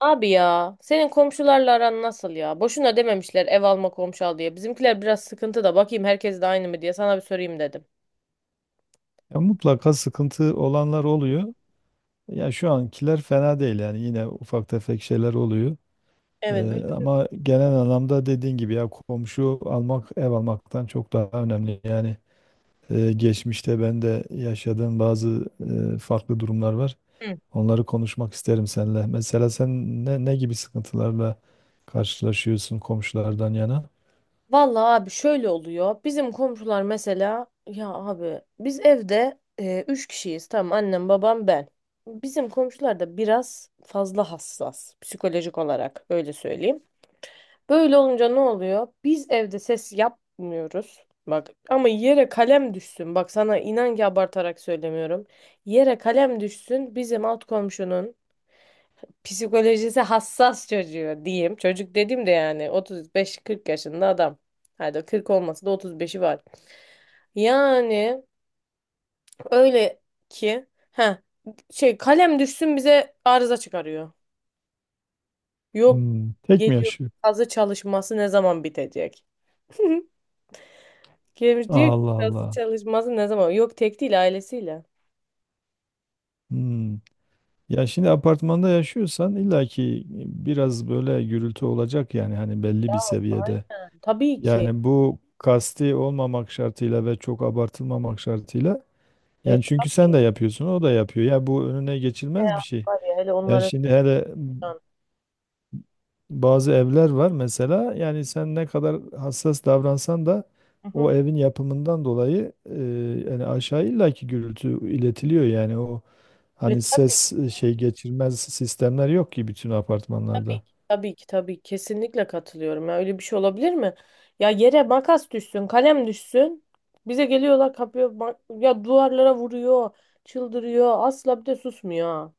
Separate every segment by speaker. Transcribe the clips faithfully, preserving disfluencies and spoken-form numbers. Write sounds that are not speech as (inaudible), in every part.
Speaker 1: Abi ya senin komşularla aran nasıl ya? Boşuna dememişler ev alma komşu al diye. Bizimkiler biraz sıkıntı da bakayım herkes de aynı mı diye sana bir sorayım dedim.
Speaker 2: Ya mutlaka sıkıntı olanlar oluyor. Ya şu ankiler fena değil yani yine ufak tefek şeyler oluyor.
Speaker 1: Evet böyle.
Speaker 2: Ee, ama genel anlamda dediğin gibi ya komşu almak ev almaktan çok daha önemli. Yani e, geçmişte ben de yaşadığım bazı e, farklı durumlar var.
Speaker 1: Hı.
Speaker 2: Onları konuşmak isterim seninle. Mesela sen ne, ne gibi sıkıntılarla karşılaşıyorsun komşulardan yana?
Speaker 1: Vallahi abi şöyle oluyor. Bizim komşular mesela ya abi biz evde e, üç kişiyiz. Tamam annem babam ben. Bizim komşular da biraz fazla hassas psikolojik olarak öyle söyleyeyim. Böyle olunca ne oluyor? Biz evde ses yapmıyoruz. Bak ama yere kalem düşsün. Bak sana inan ki abartarak söylemiyorum. Yere kalem düşsün bizim alt komşunun psikolojisi hassas çocuğu diyeyim. Çocuk dedim de yani otuz beş kırk yaşında adam. Hadi kırk olmasa da otuz beşi var. Yani öyle ki ha şey kalem düşsün bize arıza çıkarıyor. Yok
Speaker 2: Hmm, tek mi
Speaker 1: geliyor
Speaker 2: yaşıyor?
Speaker 1: kazı çalışması ne zaman bitecek? (laughs) Gelmiş diyor ki
Speaker 2: Allah
Speaker 1: nasıl
Speaker 2: Allah.
Speaker 1: çalışması ne zaman? Yok tek değil ailesiyle.
Speaker 2: Hmm. Ya şimdi apartmanda yaşıyorsan illaki biraz böyle gürültü olacak, yani hani belli
Speaker 1: Ya
Speaker 2: bir seviyede.
Speaker 1: aynen. Tabii ki.
Speaker 2: Yani bu kasti olmamak şartıyla ve çok abartılmamak şartıyla.
Speaker 1: E
Speaker 2: Yani çünkü sen de
Speaker 1: tabii.
Speaker 2: yapıyorsun, o da yapıyor. Ya bu önüne
Speaker 1: Ne
Speaker 2: geçilmez bir
Speaker 1: ya,
Speaker 2: şey.
Speaker 1: var ya hele
Speaker 2: Yani
Speaker 1: onlara
Speaker 2: şimdi hele
Speaker 1: soran.
Speaker 2: bazı evler var mesela, yani sen ne kadar hassas davransan da
Speaker 1: Hı
Speaker 2: o
Speaker 1: hı.
Speaker 2: evin yapımından dolayı e, yani aşağı illaki gürültü iletiliyor, yani o.
Speaker 1: E
Speaker 2: Hani
Speaker 1: tabii ki.
Speaker 2: ses e, şey geçirmez sistemler yok ki bütün
Speaker 1: Tabii
Speaker 2: apartmanlarda.
Speaker 1: ki. Tabii ki tabii ki, kesinlikle katılıyorum ya, öyle bir şey olabilir mi? Ya yere makas düşsün, kalem düşsün. Bize geliyorlar kapıyor ma- ya duvarlara vuruyor, çıldırıyor. Asla bir de susmuyor. Ha.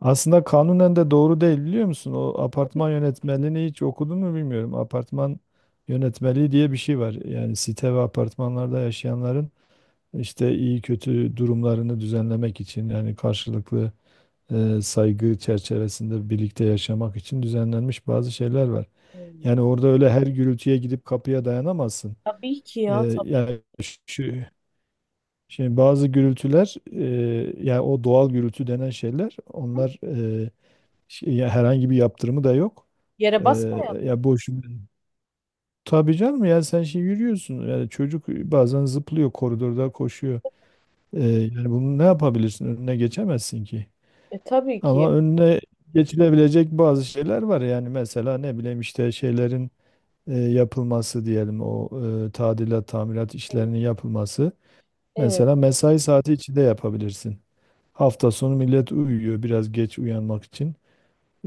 Speaker 2: Aslında kanunen de doğru değil, biliyor musun? O apartman yönetmeliğini hiç okudun mu bilmiyorum. Apartman yönetmeliği diye bir şey var. Yani site ve apartmanlarda yaşayanların işte iyi kötü durumlarını düzenlemek için, yani karşılıklı e, saygı çerçevesinde birlikte yaşamak için düzenlenmiş bazı şeyler var.
Speaker 1: Hmm.
Speaker 2: Yani orada öyle her gürültüye gidip kapıya dayanamazsın.
Speaker 1: Tabii ki
Speaker 2: E,
Speaker 1: ya tabii.
Speaker 2: yani şu Şimdi bazı gürültüler, e, yani o doğal gürültü denen şeyler, onlar e, şey- ya herhangi bir yaptırımı da yok.
Speaker 1: Yere
Speaker 2: E,
Speaker 1: basma ya.
Speaker 2: Ya boş. Tabii canım, yani sen şey yürüyorsun. Yani çocuk bazen zıplıyor, koridorda koşuyor. E, yani bunu ne yapabilirsin? Önüne geçemezsin ki.
Speaker 1: E tabii ki.
Speaker 2: Ama önüne geçilebilecek bazı şeyler var. Yani mesela ne bileyim, işte şeylerin e, yapılması, diyelim o e, tadilat tamirat
Speaker 1: Evet.
Speaker 2: işlerinin yapılması.
Speaker 1: Evet.
Speaker 2: Mesela mesai saati içinde yapabilirsin. Hafta sonu millet uyuyor biraz geç uyanmak için.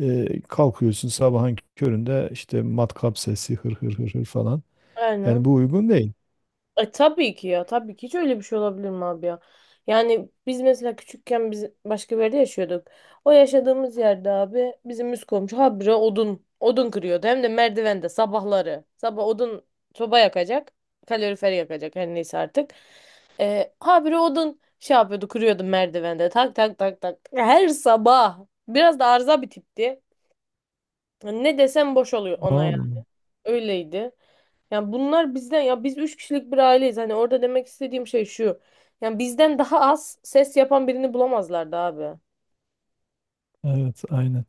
Speaker 2: Ee, kalkıyorsun sabahın köründe, işte matkap sesi hır hır hır hır falan. Yani
Speaker 1: Aynen.
Speaker 2: bu uygun değil.
Speaker 1: E tabii ki ya tabii ki, hiç öyle bir şey olabilir mi abi ya? Yani biz mesela küçükken biz başka bir yerde yaşıyorduk. O yaşadığımız yerde abi bizim üst komşu habire odun odun kırıyordu. Hem de merdivende sabahları. Sabah odun soba yakacak. Kalorifer yakacak her neyse artık. E, habire odun şey yapıyordu kırıyordu merdivende. Tak tak tak tak. Her sabah. Biraz da arıza bir tipti. Ne desem boş oluyor ona ya.
Speaker 2: Anladım.
Speaker 1: Öyleydi. Yani bunlar bizden, ya biz üç kişilik bir aileyiz. Hani orada demek istediğim şey şu. Yani bizden daha az ses yapan birini bulamazlardı abi.
Speaker 2: Evet, aynen.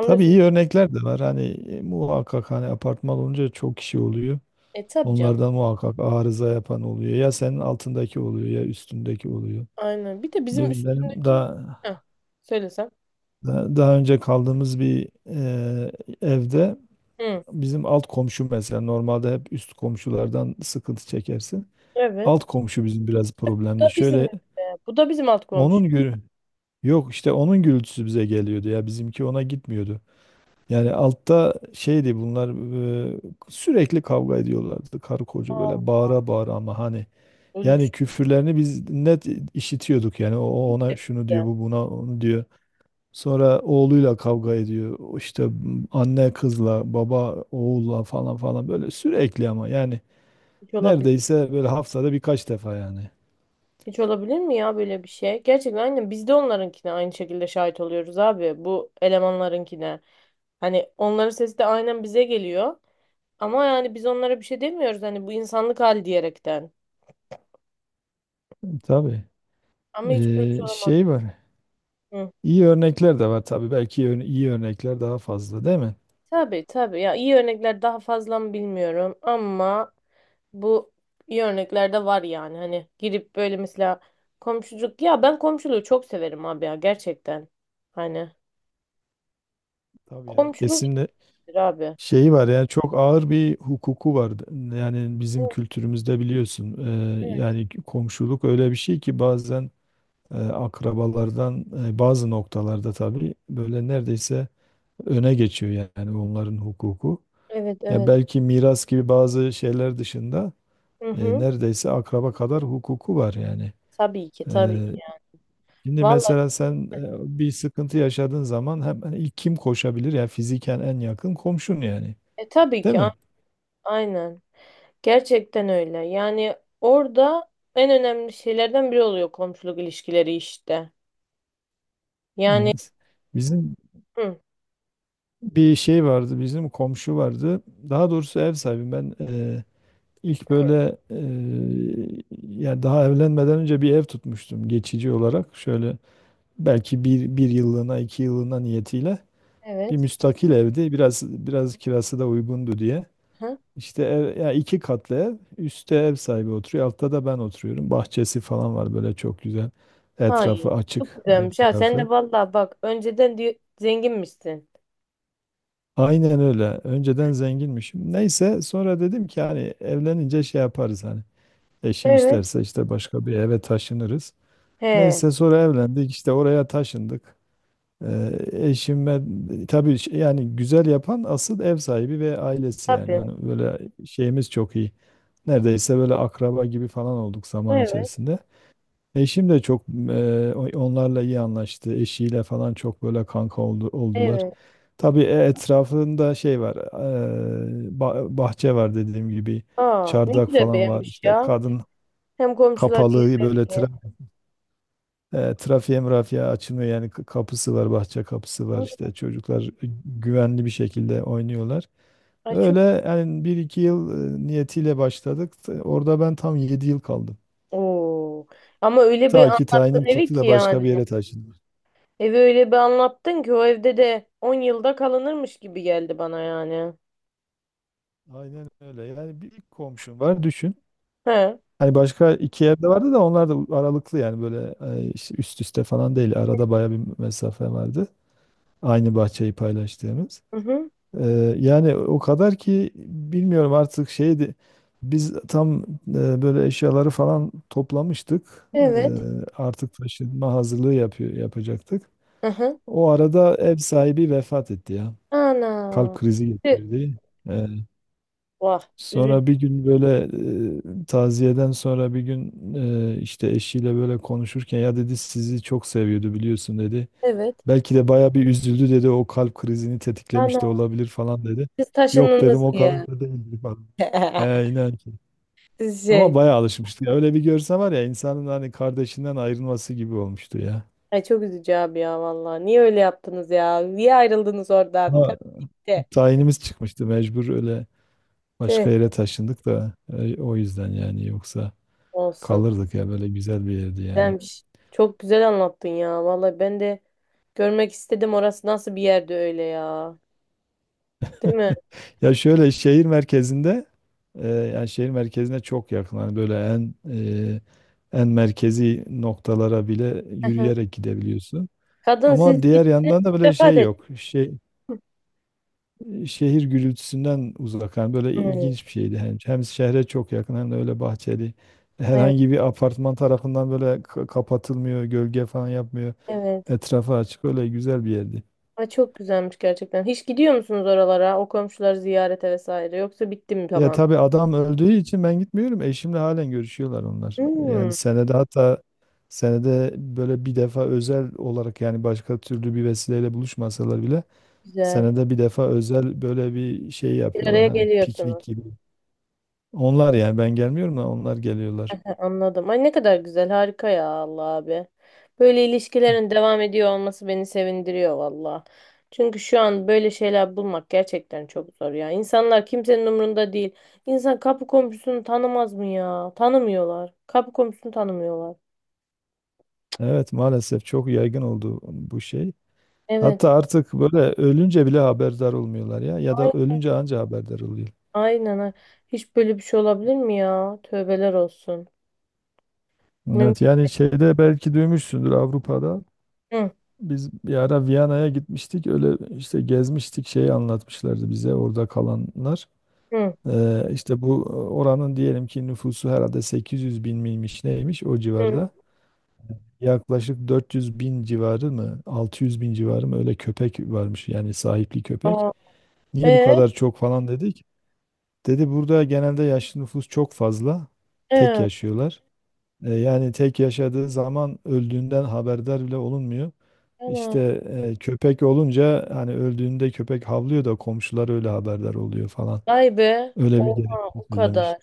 Speaker 2: Tabii iyi örnekler de var. Hani e, muhakkak, hani apartman olunca çok kişi oluyor.
Speaker 1: E tabii canım.
Speaker 2: Onlardan muhakkak arıza yapan oluyor. Ya senin altındaki oluyor, ya üstündeki oluyor.
Speaker 1: Aynen. Bir de bizim
Speaker 2: Benim, benim
Speaker 1: üstündeki.
Speaker 2: daha,
Speaker 1: Heh, söylesem.
Speaker 2: daha daha önce kaldığımız bir e, evde,
Speaker 1: Hı.
Speaker 2: bizim alt komşu mesela, normalde hep üst komşulardan sıkıntı çekersin. Alt
Speaker 1: Evet.
Speaker 2: komşu bizim biraz
Speaker 1: Bu
Speaker 2: problemli.
Speaker 1: da bizim
Speaker 2: Şöyle,
Speaker 1: evde. Bu da bizim alt komşu.
Speaker 2: onun gürü yok, işte onun gürültüsü bize geliyordu, ya bizimki ona gitmiyordu. Yani altta şeydi bunlar, e, sürekli kavga ediyorlardı karı koca böyle
Speaker 1: Aa,
Speaker 2: bağıra bağıra, ama hani,
Speaker 1: öyle bir
Speaker 2: yani
Speaker 1: şey.
Speaker 2: küfürlerini biz net işitiyorduk. Yani o o
Speaker 1: Biz
Speaker 2: ona
Speaker 1: de,
Speaker 2: şunu
Speaker 1: biz de.
Speaker 2: diyor, bu buna onu diyor. Sonra oğluyla kavga ediyor. O İşte anne kızla, baba oğulla falan falan, böyle sürekli, ama yani
Speaker 1: Hiç olabilir.
Speaker 2: neredeyse böyle haftada birkaç defa yani.
Speaker 1: Hiç olabilir mi ya böyle bir şey? Gerçekten aynen biz de onlarınkine aynı şekilde şahit oluyoruz abi. Bu elemanlarınkine. Hani onların sesi de aynen bize geliyor. Ama yani biz onlara bir şey demiyoruz hani, bu insanlık hali diyerekten.
Speaker 2: Tabii.
Speaker 1: Ama hiç böyle bir şey
Speaker 2: Ee,
Speaker 1: olamaz.
Speaker 2: şey var.
Speaker 1: Hı.
Speaker 2: İyi örnekler de var tabii. Belki ön- iyi örnekler daha fazla, değil mi?
Speaker 1: Tabii tabii, ya iyi örnekler daha fazla mı bilmiyorum ama bu iyi örnekler de var yani. Hani girip böyle mesela komşuluk, ya ben komşuluğu çok severim abi ya, gerçekten. Hani
Speaker 2: Tabii ya,
Speaker 1: komşuluk
Speaker 2: kesinlikle
Speaker 1: iyidir abi.
Speaker 2: şeyi var yani, çok ağır bir hukuku var. Yani bizim
Speaker 1: Evet
Speaker 2: kültürümüzde biliyorsun. Ee,
Speaker 1: evet.
Speaker 2: yani komşuluk öyle bir şey ki, bazen e, akrabalardan e, bazı noktalarda tabii böyle neredeyse öne geçiyor yani, onların hukuku.
Speaker 1: Evet
Speaker 2: Ya
Speaker 1: evet.
Speaker 2: belki miras gibi bazı şeyler dışında
Speaker 1: Hı
Speaker 2: e,
Speaker 1: hı.
Speaker 2: neredeyse akraba kadar hukuku var yani.
Speaker 1: Tabii ki
Speaker 2: E,
Speaker 1: tabii ki.
Speaker 2: Şimdi
Speaker 1: Vallahi
Speaker 2: mesela sen e, bir sıkıntı yaşadığın zaman hemen ilk kim koşabilir? Ya fiziken en yakın komşun yani.
Speaker 1: e, tabii
Speaker 2: Değil
Speaker 1: ki a-
Speaker 2: mi?
Speaker 1: aynen. Gerçekten öyle. Yani orada en önemli şeylerden biri oluyor komşuluk ilişkileri işte. Yani
Speaker 2: Evet. Bizim
Speaker 1: hı,
Speaker 2: bir şey vardı, bizim komşu vardı. Daha doğrusu ev sahibi, ben e, ilk böyle e, yani daha evlenmeden önce bir ev tutmuştum geçici olarak. Şöyle belki bir, bir yıllığına iki yıllığına niyetiyle, bir
Speaker 1: evet.
Speaker 2: müstakil evdi. Biraz biraz kirası da uygundu diye.
Speaker 1: Hı,
Speaker 2: İşte ev, ya iki katlı ev. Üstte ev sahibi oturuyor, altta da ben oturuyorum. Bahçesi falan var, böyle çok güzel. Etrafı
Speaker 1: hayır. Çok
Speaker 2: açık
Speaker 1: güzelmiş
Speaker 2: dört
Speaker 1: ha. Sen
Speaker 2: tarafı.
Speaker 1: de vallahi bak önceden diyor, zenginmişsin.
Speaker 2: Aynen öyle. Önceden zenginmişim. Neyse, sonra dedim ki hani evlenince şey yaparız hani. Eşim
Speaker 1: Evet.
Speaker 2: isterse işte başka bir eve taşınırız.
Speaker 1: He.
Speaker 2: Neyse, sonra evlendik, işte oraya taşındık. Ee, eşim tabii ş- yani güzel yapan asıl ev sahibi ve ailesi yani.
Speaker 1: Tabii.
Speaker 2: Hani böyle şeyimiz çok iyi. Neredeyse böyle akraba gibi falan olduk zaman
Speaker 1: Evet.
Speaker 2: içerisinde. Eşim de çok e, o- onlarla iyi anlaştı. Eşiyle falan çok böyle kanka oldu, oldular.
Speaker 1: Evet.
Speaker 2: Tabii e, etrafında şey var, e, ba- bahçe var dediğim gibi.
Speaker 1: Aa, ne
Speaker 2: Çardak
Speaker 1: güzel
Speaker 2: falan var.
Speaker 1: beğenmiş
Speaker 2: İşte
Speaker 1: ya.
Speaker 2: kadın
Speaker 1: Hem komşular
Speaker 2: kapalı
Speaker 1: hem
Speaker 2: böyle,
Speaker 1: evi.
Speaker 2: e, trafiğe mırafiğe açılmıyor yani, k- kapısı var, bahçe kapısı var, işte çocuklar güvenli bir şekilde oynuyorlar.
Speaker 1: Ay
Speaker 2: Öyle
Speaker 1: çok.
Speaker 2: yani, bir iki yıl e, niyetiyle başladık. T- Orada ben tam yedi yıl kaldım.
Speaker 1: Oo. Ama öyle bir
Speaker 2: Ta ki
Speaker 1: anlattın
Speaker 2: tayinim
Speaker 1: evi
Speaker 2: çıktı
Speaker 1: ki
Speaker 2: da başka
Speaker 1: yani.
Speaker 2: bir yere taşındım.
Speaker 1: Evi öyle bir anlattın ki o evde de on yılda kalınırmış gibi geldi bana yani.
Speaker 2: Aynen öyle. Yani bir ilk komşum var, düşün.
Speaker 1: He.
Speaker 2: Hani başka iki evde vardı da, onlar da aralıklı yani, böyle e, işte üst üste falan değil. Arada baya bir mesafe vardı. Aynı bahçeyi paylaştığımız.
Speaker 1: Hı hı.
Speaker 2: Eee, yani o kadar ki, bilmiyorum artık, şeydi. Biz tam eee, böyle eşyaları falan toplamıştık. Eee,
Speaker 1: Evet.
Speaker 2: artık taşınma hazırlığı yapıyor, yapacaktık.
Speaker 1: Hı hı.
Speaker 2: O arada ev sahibi vefat etti ya.
Speaker 1: Ana.
Speaker 2: Kalp krizi
Speaker 1: Tüh.
Speaker 2: geçirdi. Eee,
Speaker 1: Vah.
Speaker 2: Sonra bir
Speaker 1: Üzücü.
Speaker 2: gün böyle, eee, taziyeden sonra bir gün eee, işte eşiyle böyle konuşurken, ya dedi, sizi çok seviyordu biliyorsun, dedi.
Speaker 1: Evet.
Speaker 2: Belki de baya bir üzüldü, dedi. O kalp krizini tetiklemiş de
Speaker 1: Ana.
Speaker 2: olabilir falan, dedi.
Speaker 1: Siz
Speaker 2: Yok dedim,
Speaker 1: taşındınız
Speaker 2: o
Speaker 1: diye.
Speaker 2: kadar da değildir falan.
Speaker 1: (laughs)
Speaker 2: He, inan ki.
Speaker 1: Siz
Speaker 2: Ama
Speaker 1: şey.
Speaker 2: baya alışmıştı. Ya öyle bir görse var ya insanın, hani kardeşinden ayrılması gibi olmuştu ya.
Speaker 1: Ay çok üzücü abi ya vallahi. Niye öyle yaptınız ya? Niye ayrıldınız oradan? Kadın
Speaker 2: Ama
Speaker 1: gitti.
Speaker 2: tayinimiz çıkmıştı, mecbur öyle
Speaker 1: Tüh.
Speaker 2: başka yere taşındık da, e, o yüzden yani, yoksa
Speaker 1: Olsun.
Speaker 2: kalırdık, ya böyle güzel bir yerdi yani.
Speaker 1: Güzelmiş. Çok güzel anlattın ya. Vallahi ben de görmek istedim. Orası nasıl bir yerde öyle ya. Değil mi?
Speaker 2: Ya şöyle, şehir merkezinde e, yani şehir merkezine çok yakın. Hani böyle en e, en merkezi noktalara bile
Speaker 1: Hı hı.
Speaker 2: yürüyerek gidebiliyorsun.
Speaker 1: Kadın siz
Speaker 2: Ama diğer
Speaker 1: gittiniz.
Speaker 2: yandan da böyle
Speaker 1: Vefat
Speaker 2: şey
Speaker 1: etti.
Speaker 2: yok. Şey, şehir gürültüsünden uzak. Yani böyle
Speaker 1: Hı.
Speaker 2: ilginç bir şeydi. Hem, hem şehre çok yakın, hem de öyle bahçeli.
Speaker 1: Evet.
Speaker 2: Herhangi bir apartman tarafından böyle ka- kapatılmıyor, gölge falan yapmıyor.
Speaker 1: Evet.
Speaker 2: Etrafı açık, öyle güzel bir yerdi.
Speaker 1: Ay çok güzelmiş gerçekten. Hiç gidiyor musunuz oralara? O komşuları ziyarete vesaire. Yoksa bitti mi
Speaker 2: Ya
Speaker 1: tamam?
Speaker 2: tabii adam öldüğü için ben gitmiyorum. Eşimle halen görüşüyorlar onlar. Yani
Speaker 1: Hmm,
Speaker 2: senede, hatta senede böyle bir defa özel olarak, yani başka türlü bir vesileyle buluşmasalar bile
Speaker 1: güzel.
Speaker 2: senede bir defa özel böyle bir şey
Speaker 1: Bir
Speaker 2: yapıyorlar.
Speaker 1: araya
Speaker 2: Hani
Speaker 1: geliyorsunuz.
Speaker 2: piknik gibi. Onlar, yani ben gelmiyorum da onlar geliyorlar.
Speaker 1: He, anladım. Ay ne kadar güzel. Harika ya Allah abi. Böyle ilişkilerin devam ediyor olması beni sevindiriyor valla. Çünkü şu an böyle şeyler bulmak gerçekten çok zor ya. İnsanlar kimsenin umurunda değil. İnsan kapı komşusunu tanımaz mı ya? Tanımıyorlar. Kapı komşusunu tanımıyorlar.
Speaker 2: Evet, maalesef çok yaygın oldu bu şey.
Speaker 1: Evet.
Speaker 2: Hatta artık böyle ölünce bile haberdar olmuyorlar, ya ya da
Speaker 1: Ay-
Speaker 2: ölünce anca haberdar oluyor.
Speaker 1: Aynen. Ha. Hiç böyle bir şey olabilir mi ya? Tövbeler olsun.
Speaker 2: Evet,
Speaker 1: Mümkün.
Speaker 2: yani şeyde belki duymuşsundur, Avrupa'da.
Speaker 1: Hı,
Speaker 2: Biz bir ara Viyana'ya gitmiştik. Öyle işte gezmiştik. Şeyi anlatmışlardı bize orada kalanlar.
Speaker 1: hı,
Speaker 2: Ee, işte bu oranın diyelim ki nüfusu herhalde sekiz yüz bin miymiş neymiş, o
Speaker 1: hı.
Speaker 2: civarda. Yaklaşık dört yüz bin civarı mı, altı yüz bin civarı mı, öyle köpek varmış, yani sahipli köpek.
Speaker 1: Aa,
Speaker 2: Niye bu
Speaker 1: e,
Speaker 2: kadar çok falan dedik. Dedi burada genelde yaşlı nüfus çok fazla. Tek
Speaker 1: e,
Speaker 2: yaşıyorlar. Ee, yani tek yaşadığı zaman öldüğünden haberdar bile olunmuyor. İşte
Speaker 1: ana.
Speaker 2: e, köpek olunca hani, öldüğünde köpek havlıyor da komşular öyle haberdar oluyor falan.
Speaker 1: Vay be.
Speaker 2: Öyle bir
Speaker 1: Oha,
Speaker 2: gerekçe
Speaker 1: o kadar.
Speaker 2: söylemişti.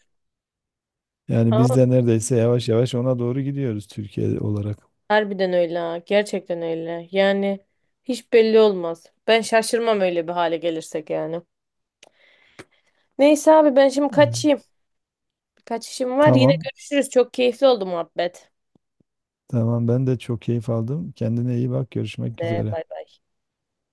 Speaker 2: Yani
Speaker 1: Ama
Speaker 2: biz de neredeyse yavaş yavaş ona doğru gidiyoruz Türkiye olarak.
Speaker 1: harbiden öyle ha. Gerçekten öyle. Yani hiç belli olmaz. Ben şaşırmam öyle bir hale gelirsek yani. Neyse abi ben şimdi
Speaker 2: Hmm.
Speaker 1: kaçayım. Kaç işim var. Yine
Speaker 2: Tamam.
Speaker 1: görüşürüz. Çok keyifli oldu muhabbet.
Speaker 2: Tamam, ben de çok keyif aldım. Kendine iyi bak. Görüşmek
Speaker 1: Ee,
Speaker 2: üzere.
Speaker 1: Bay bay.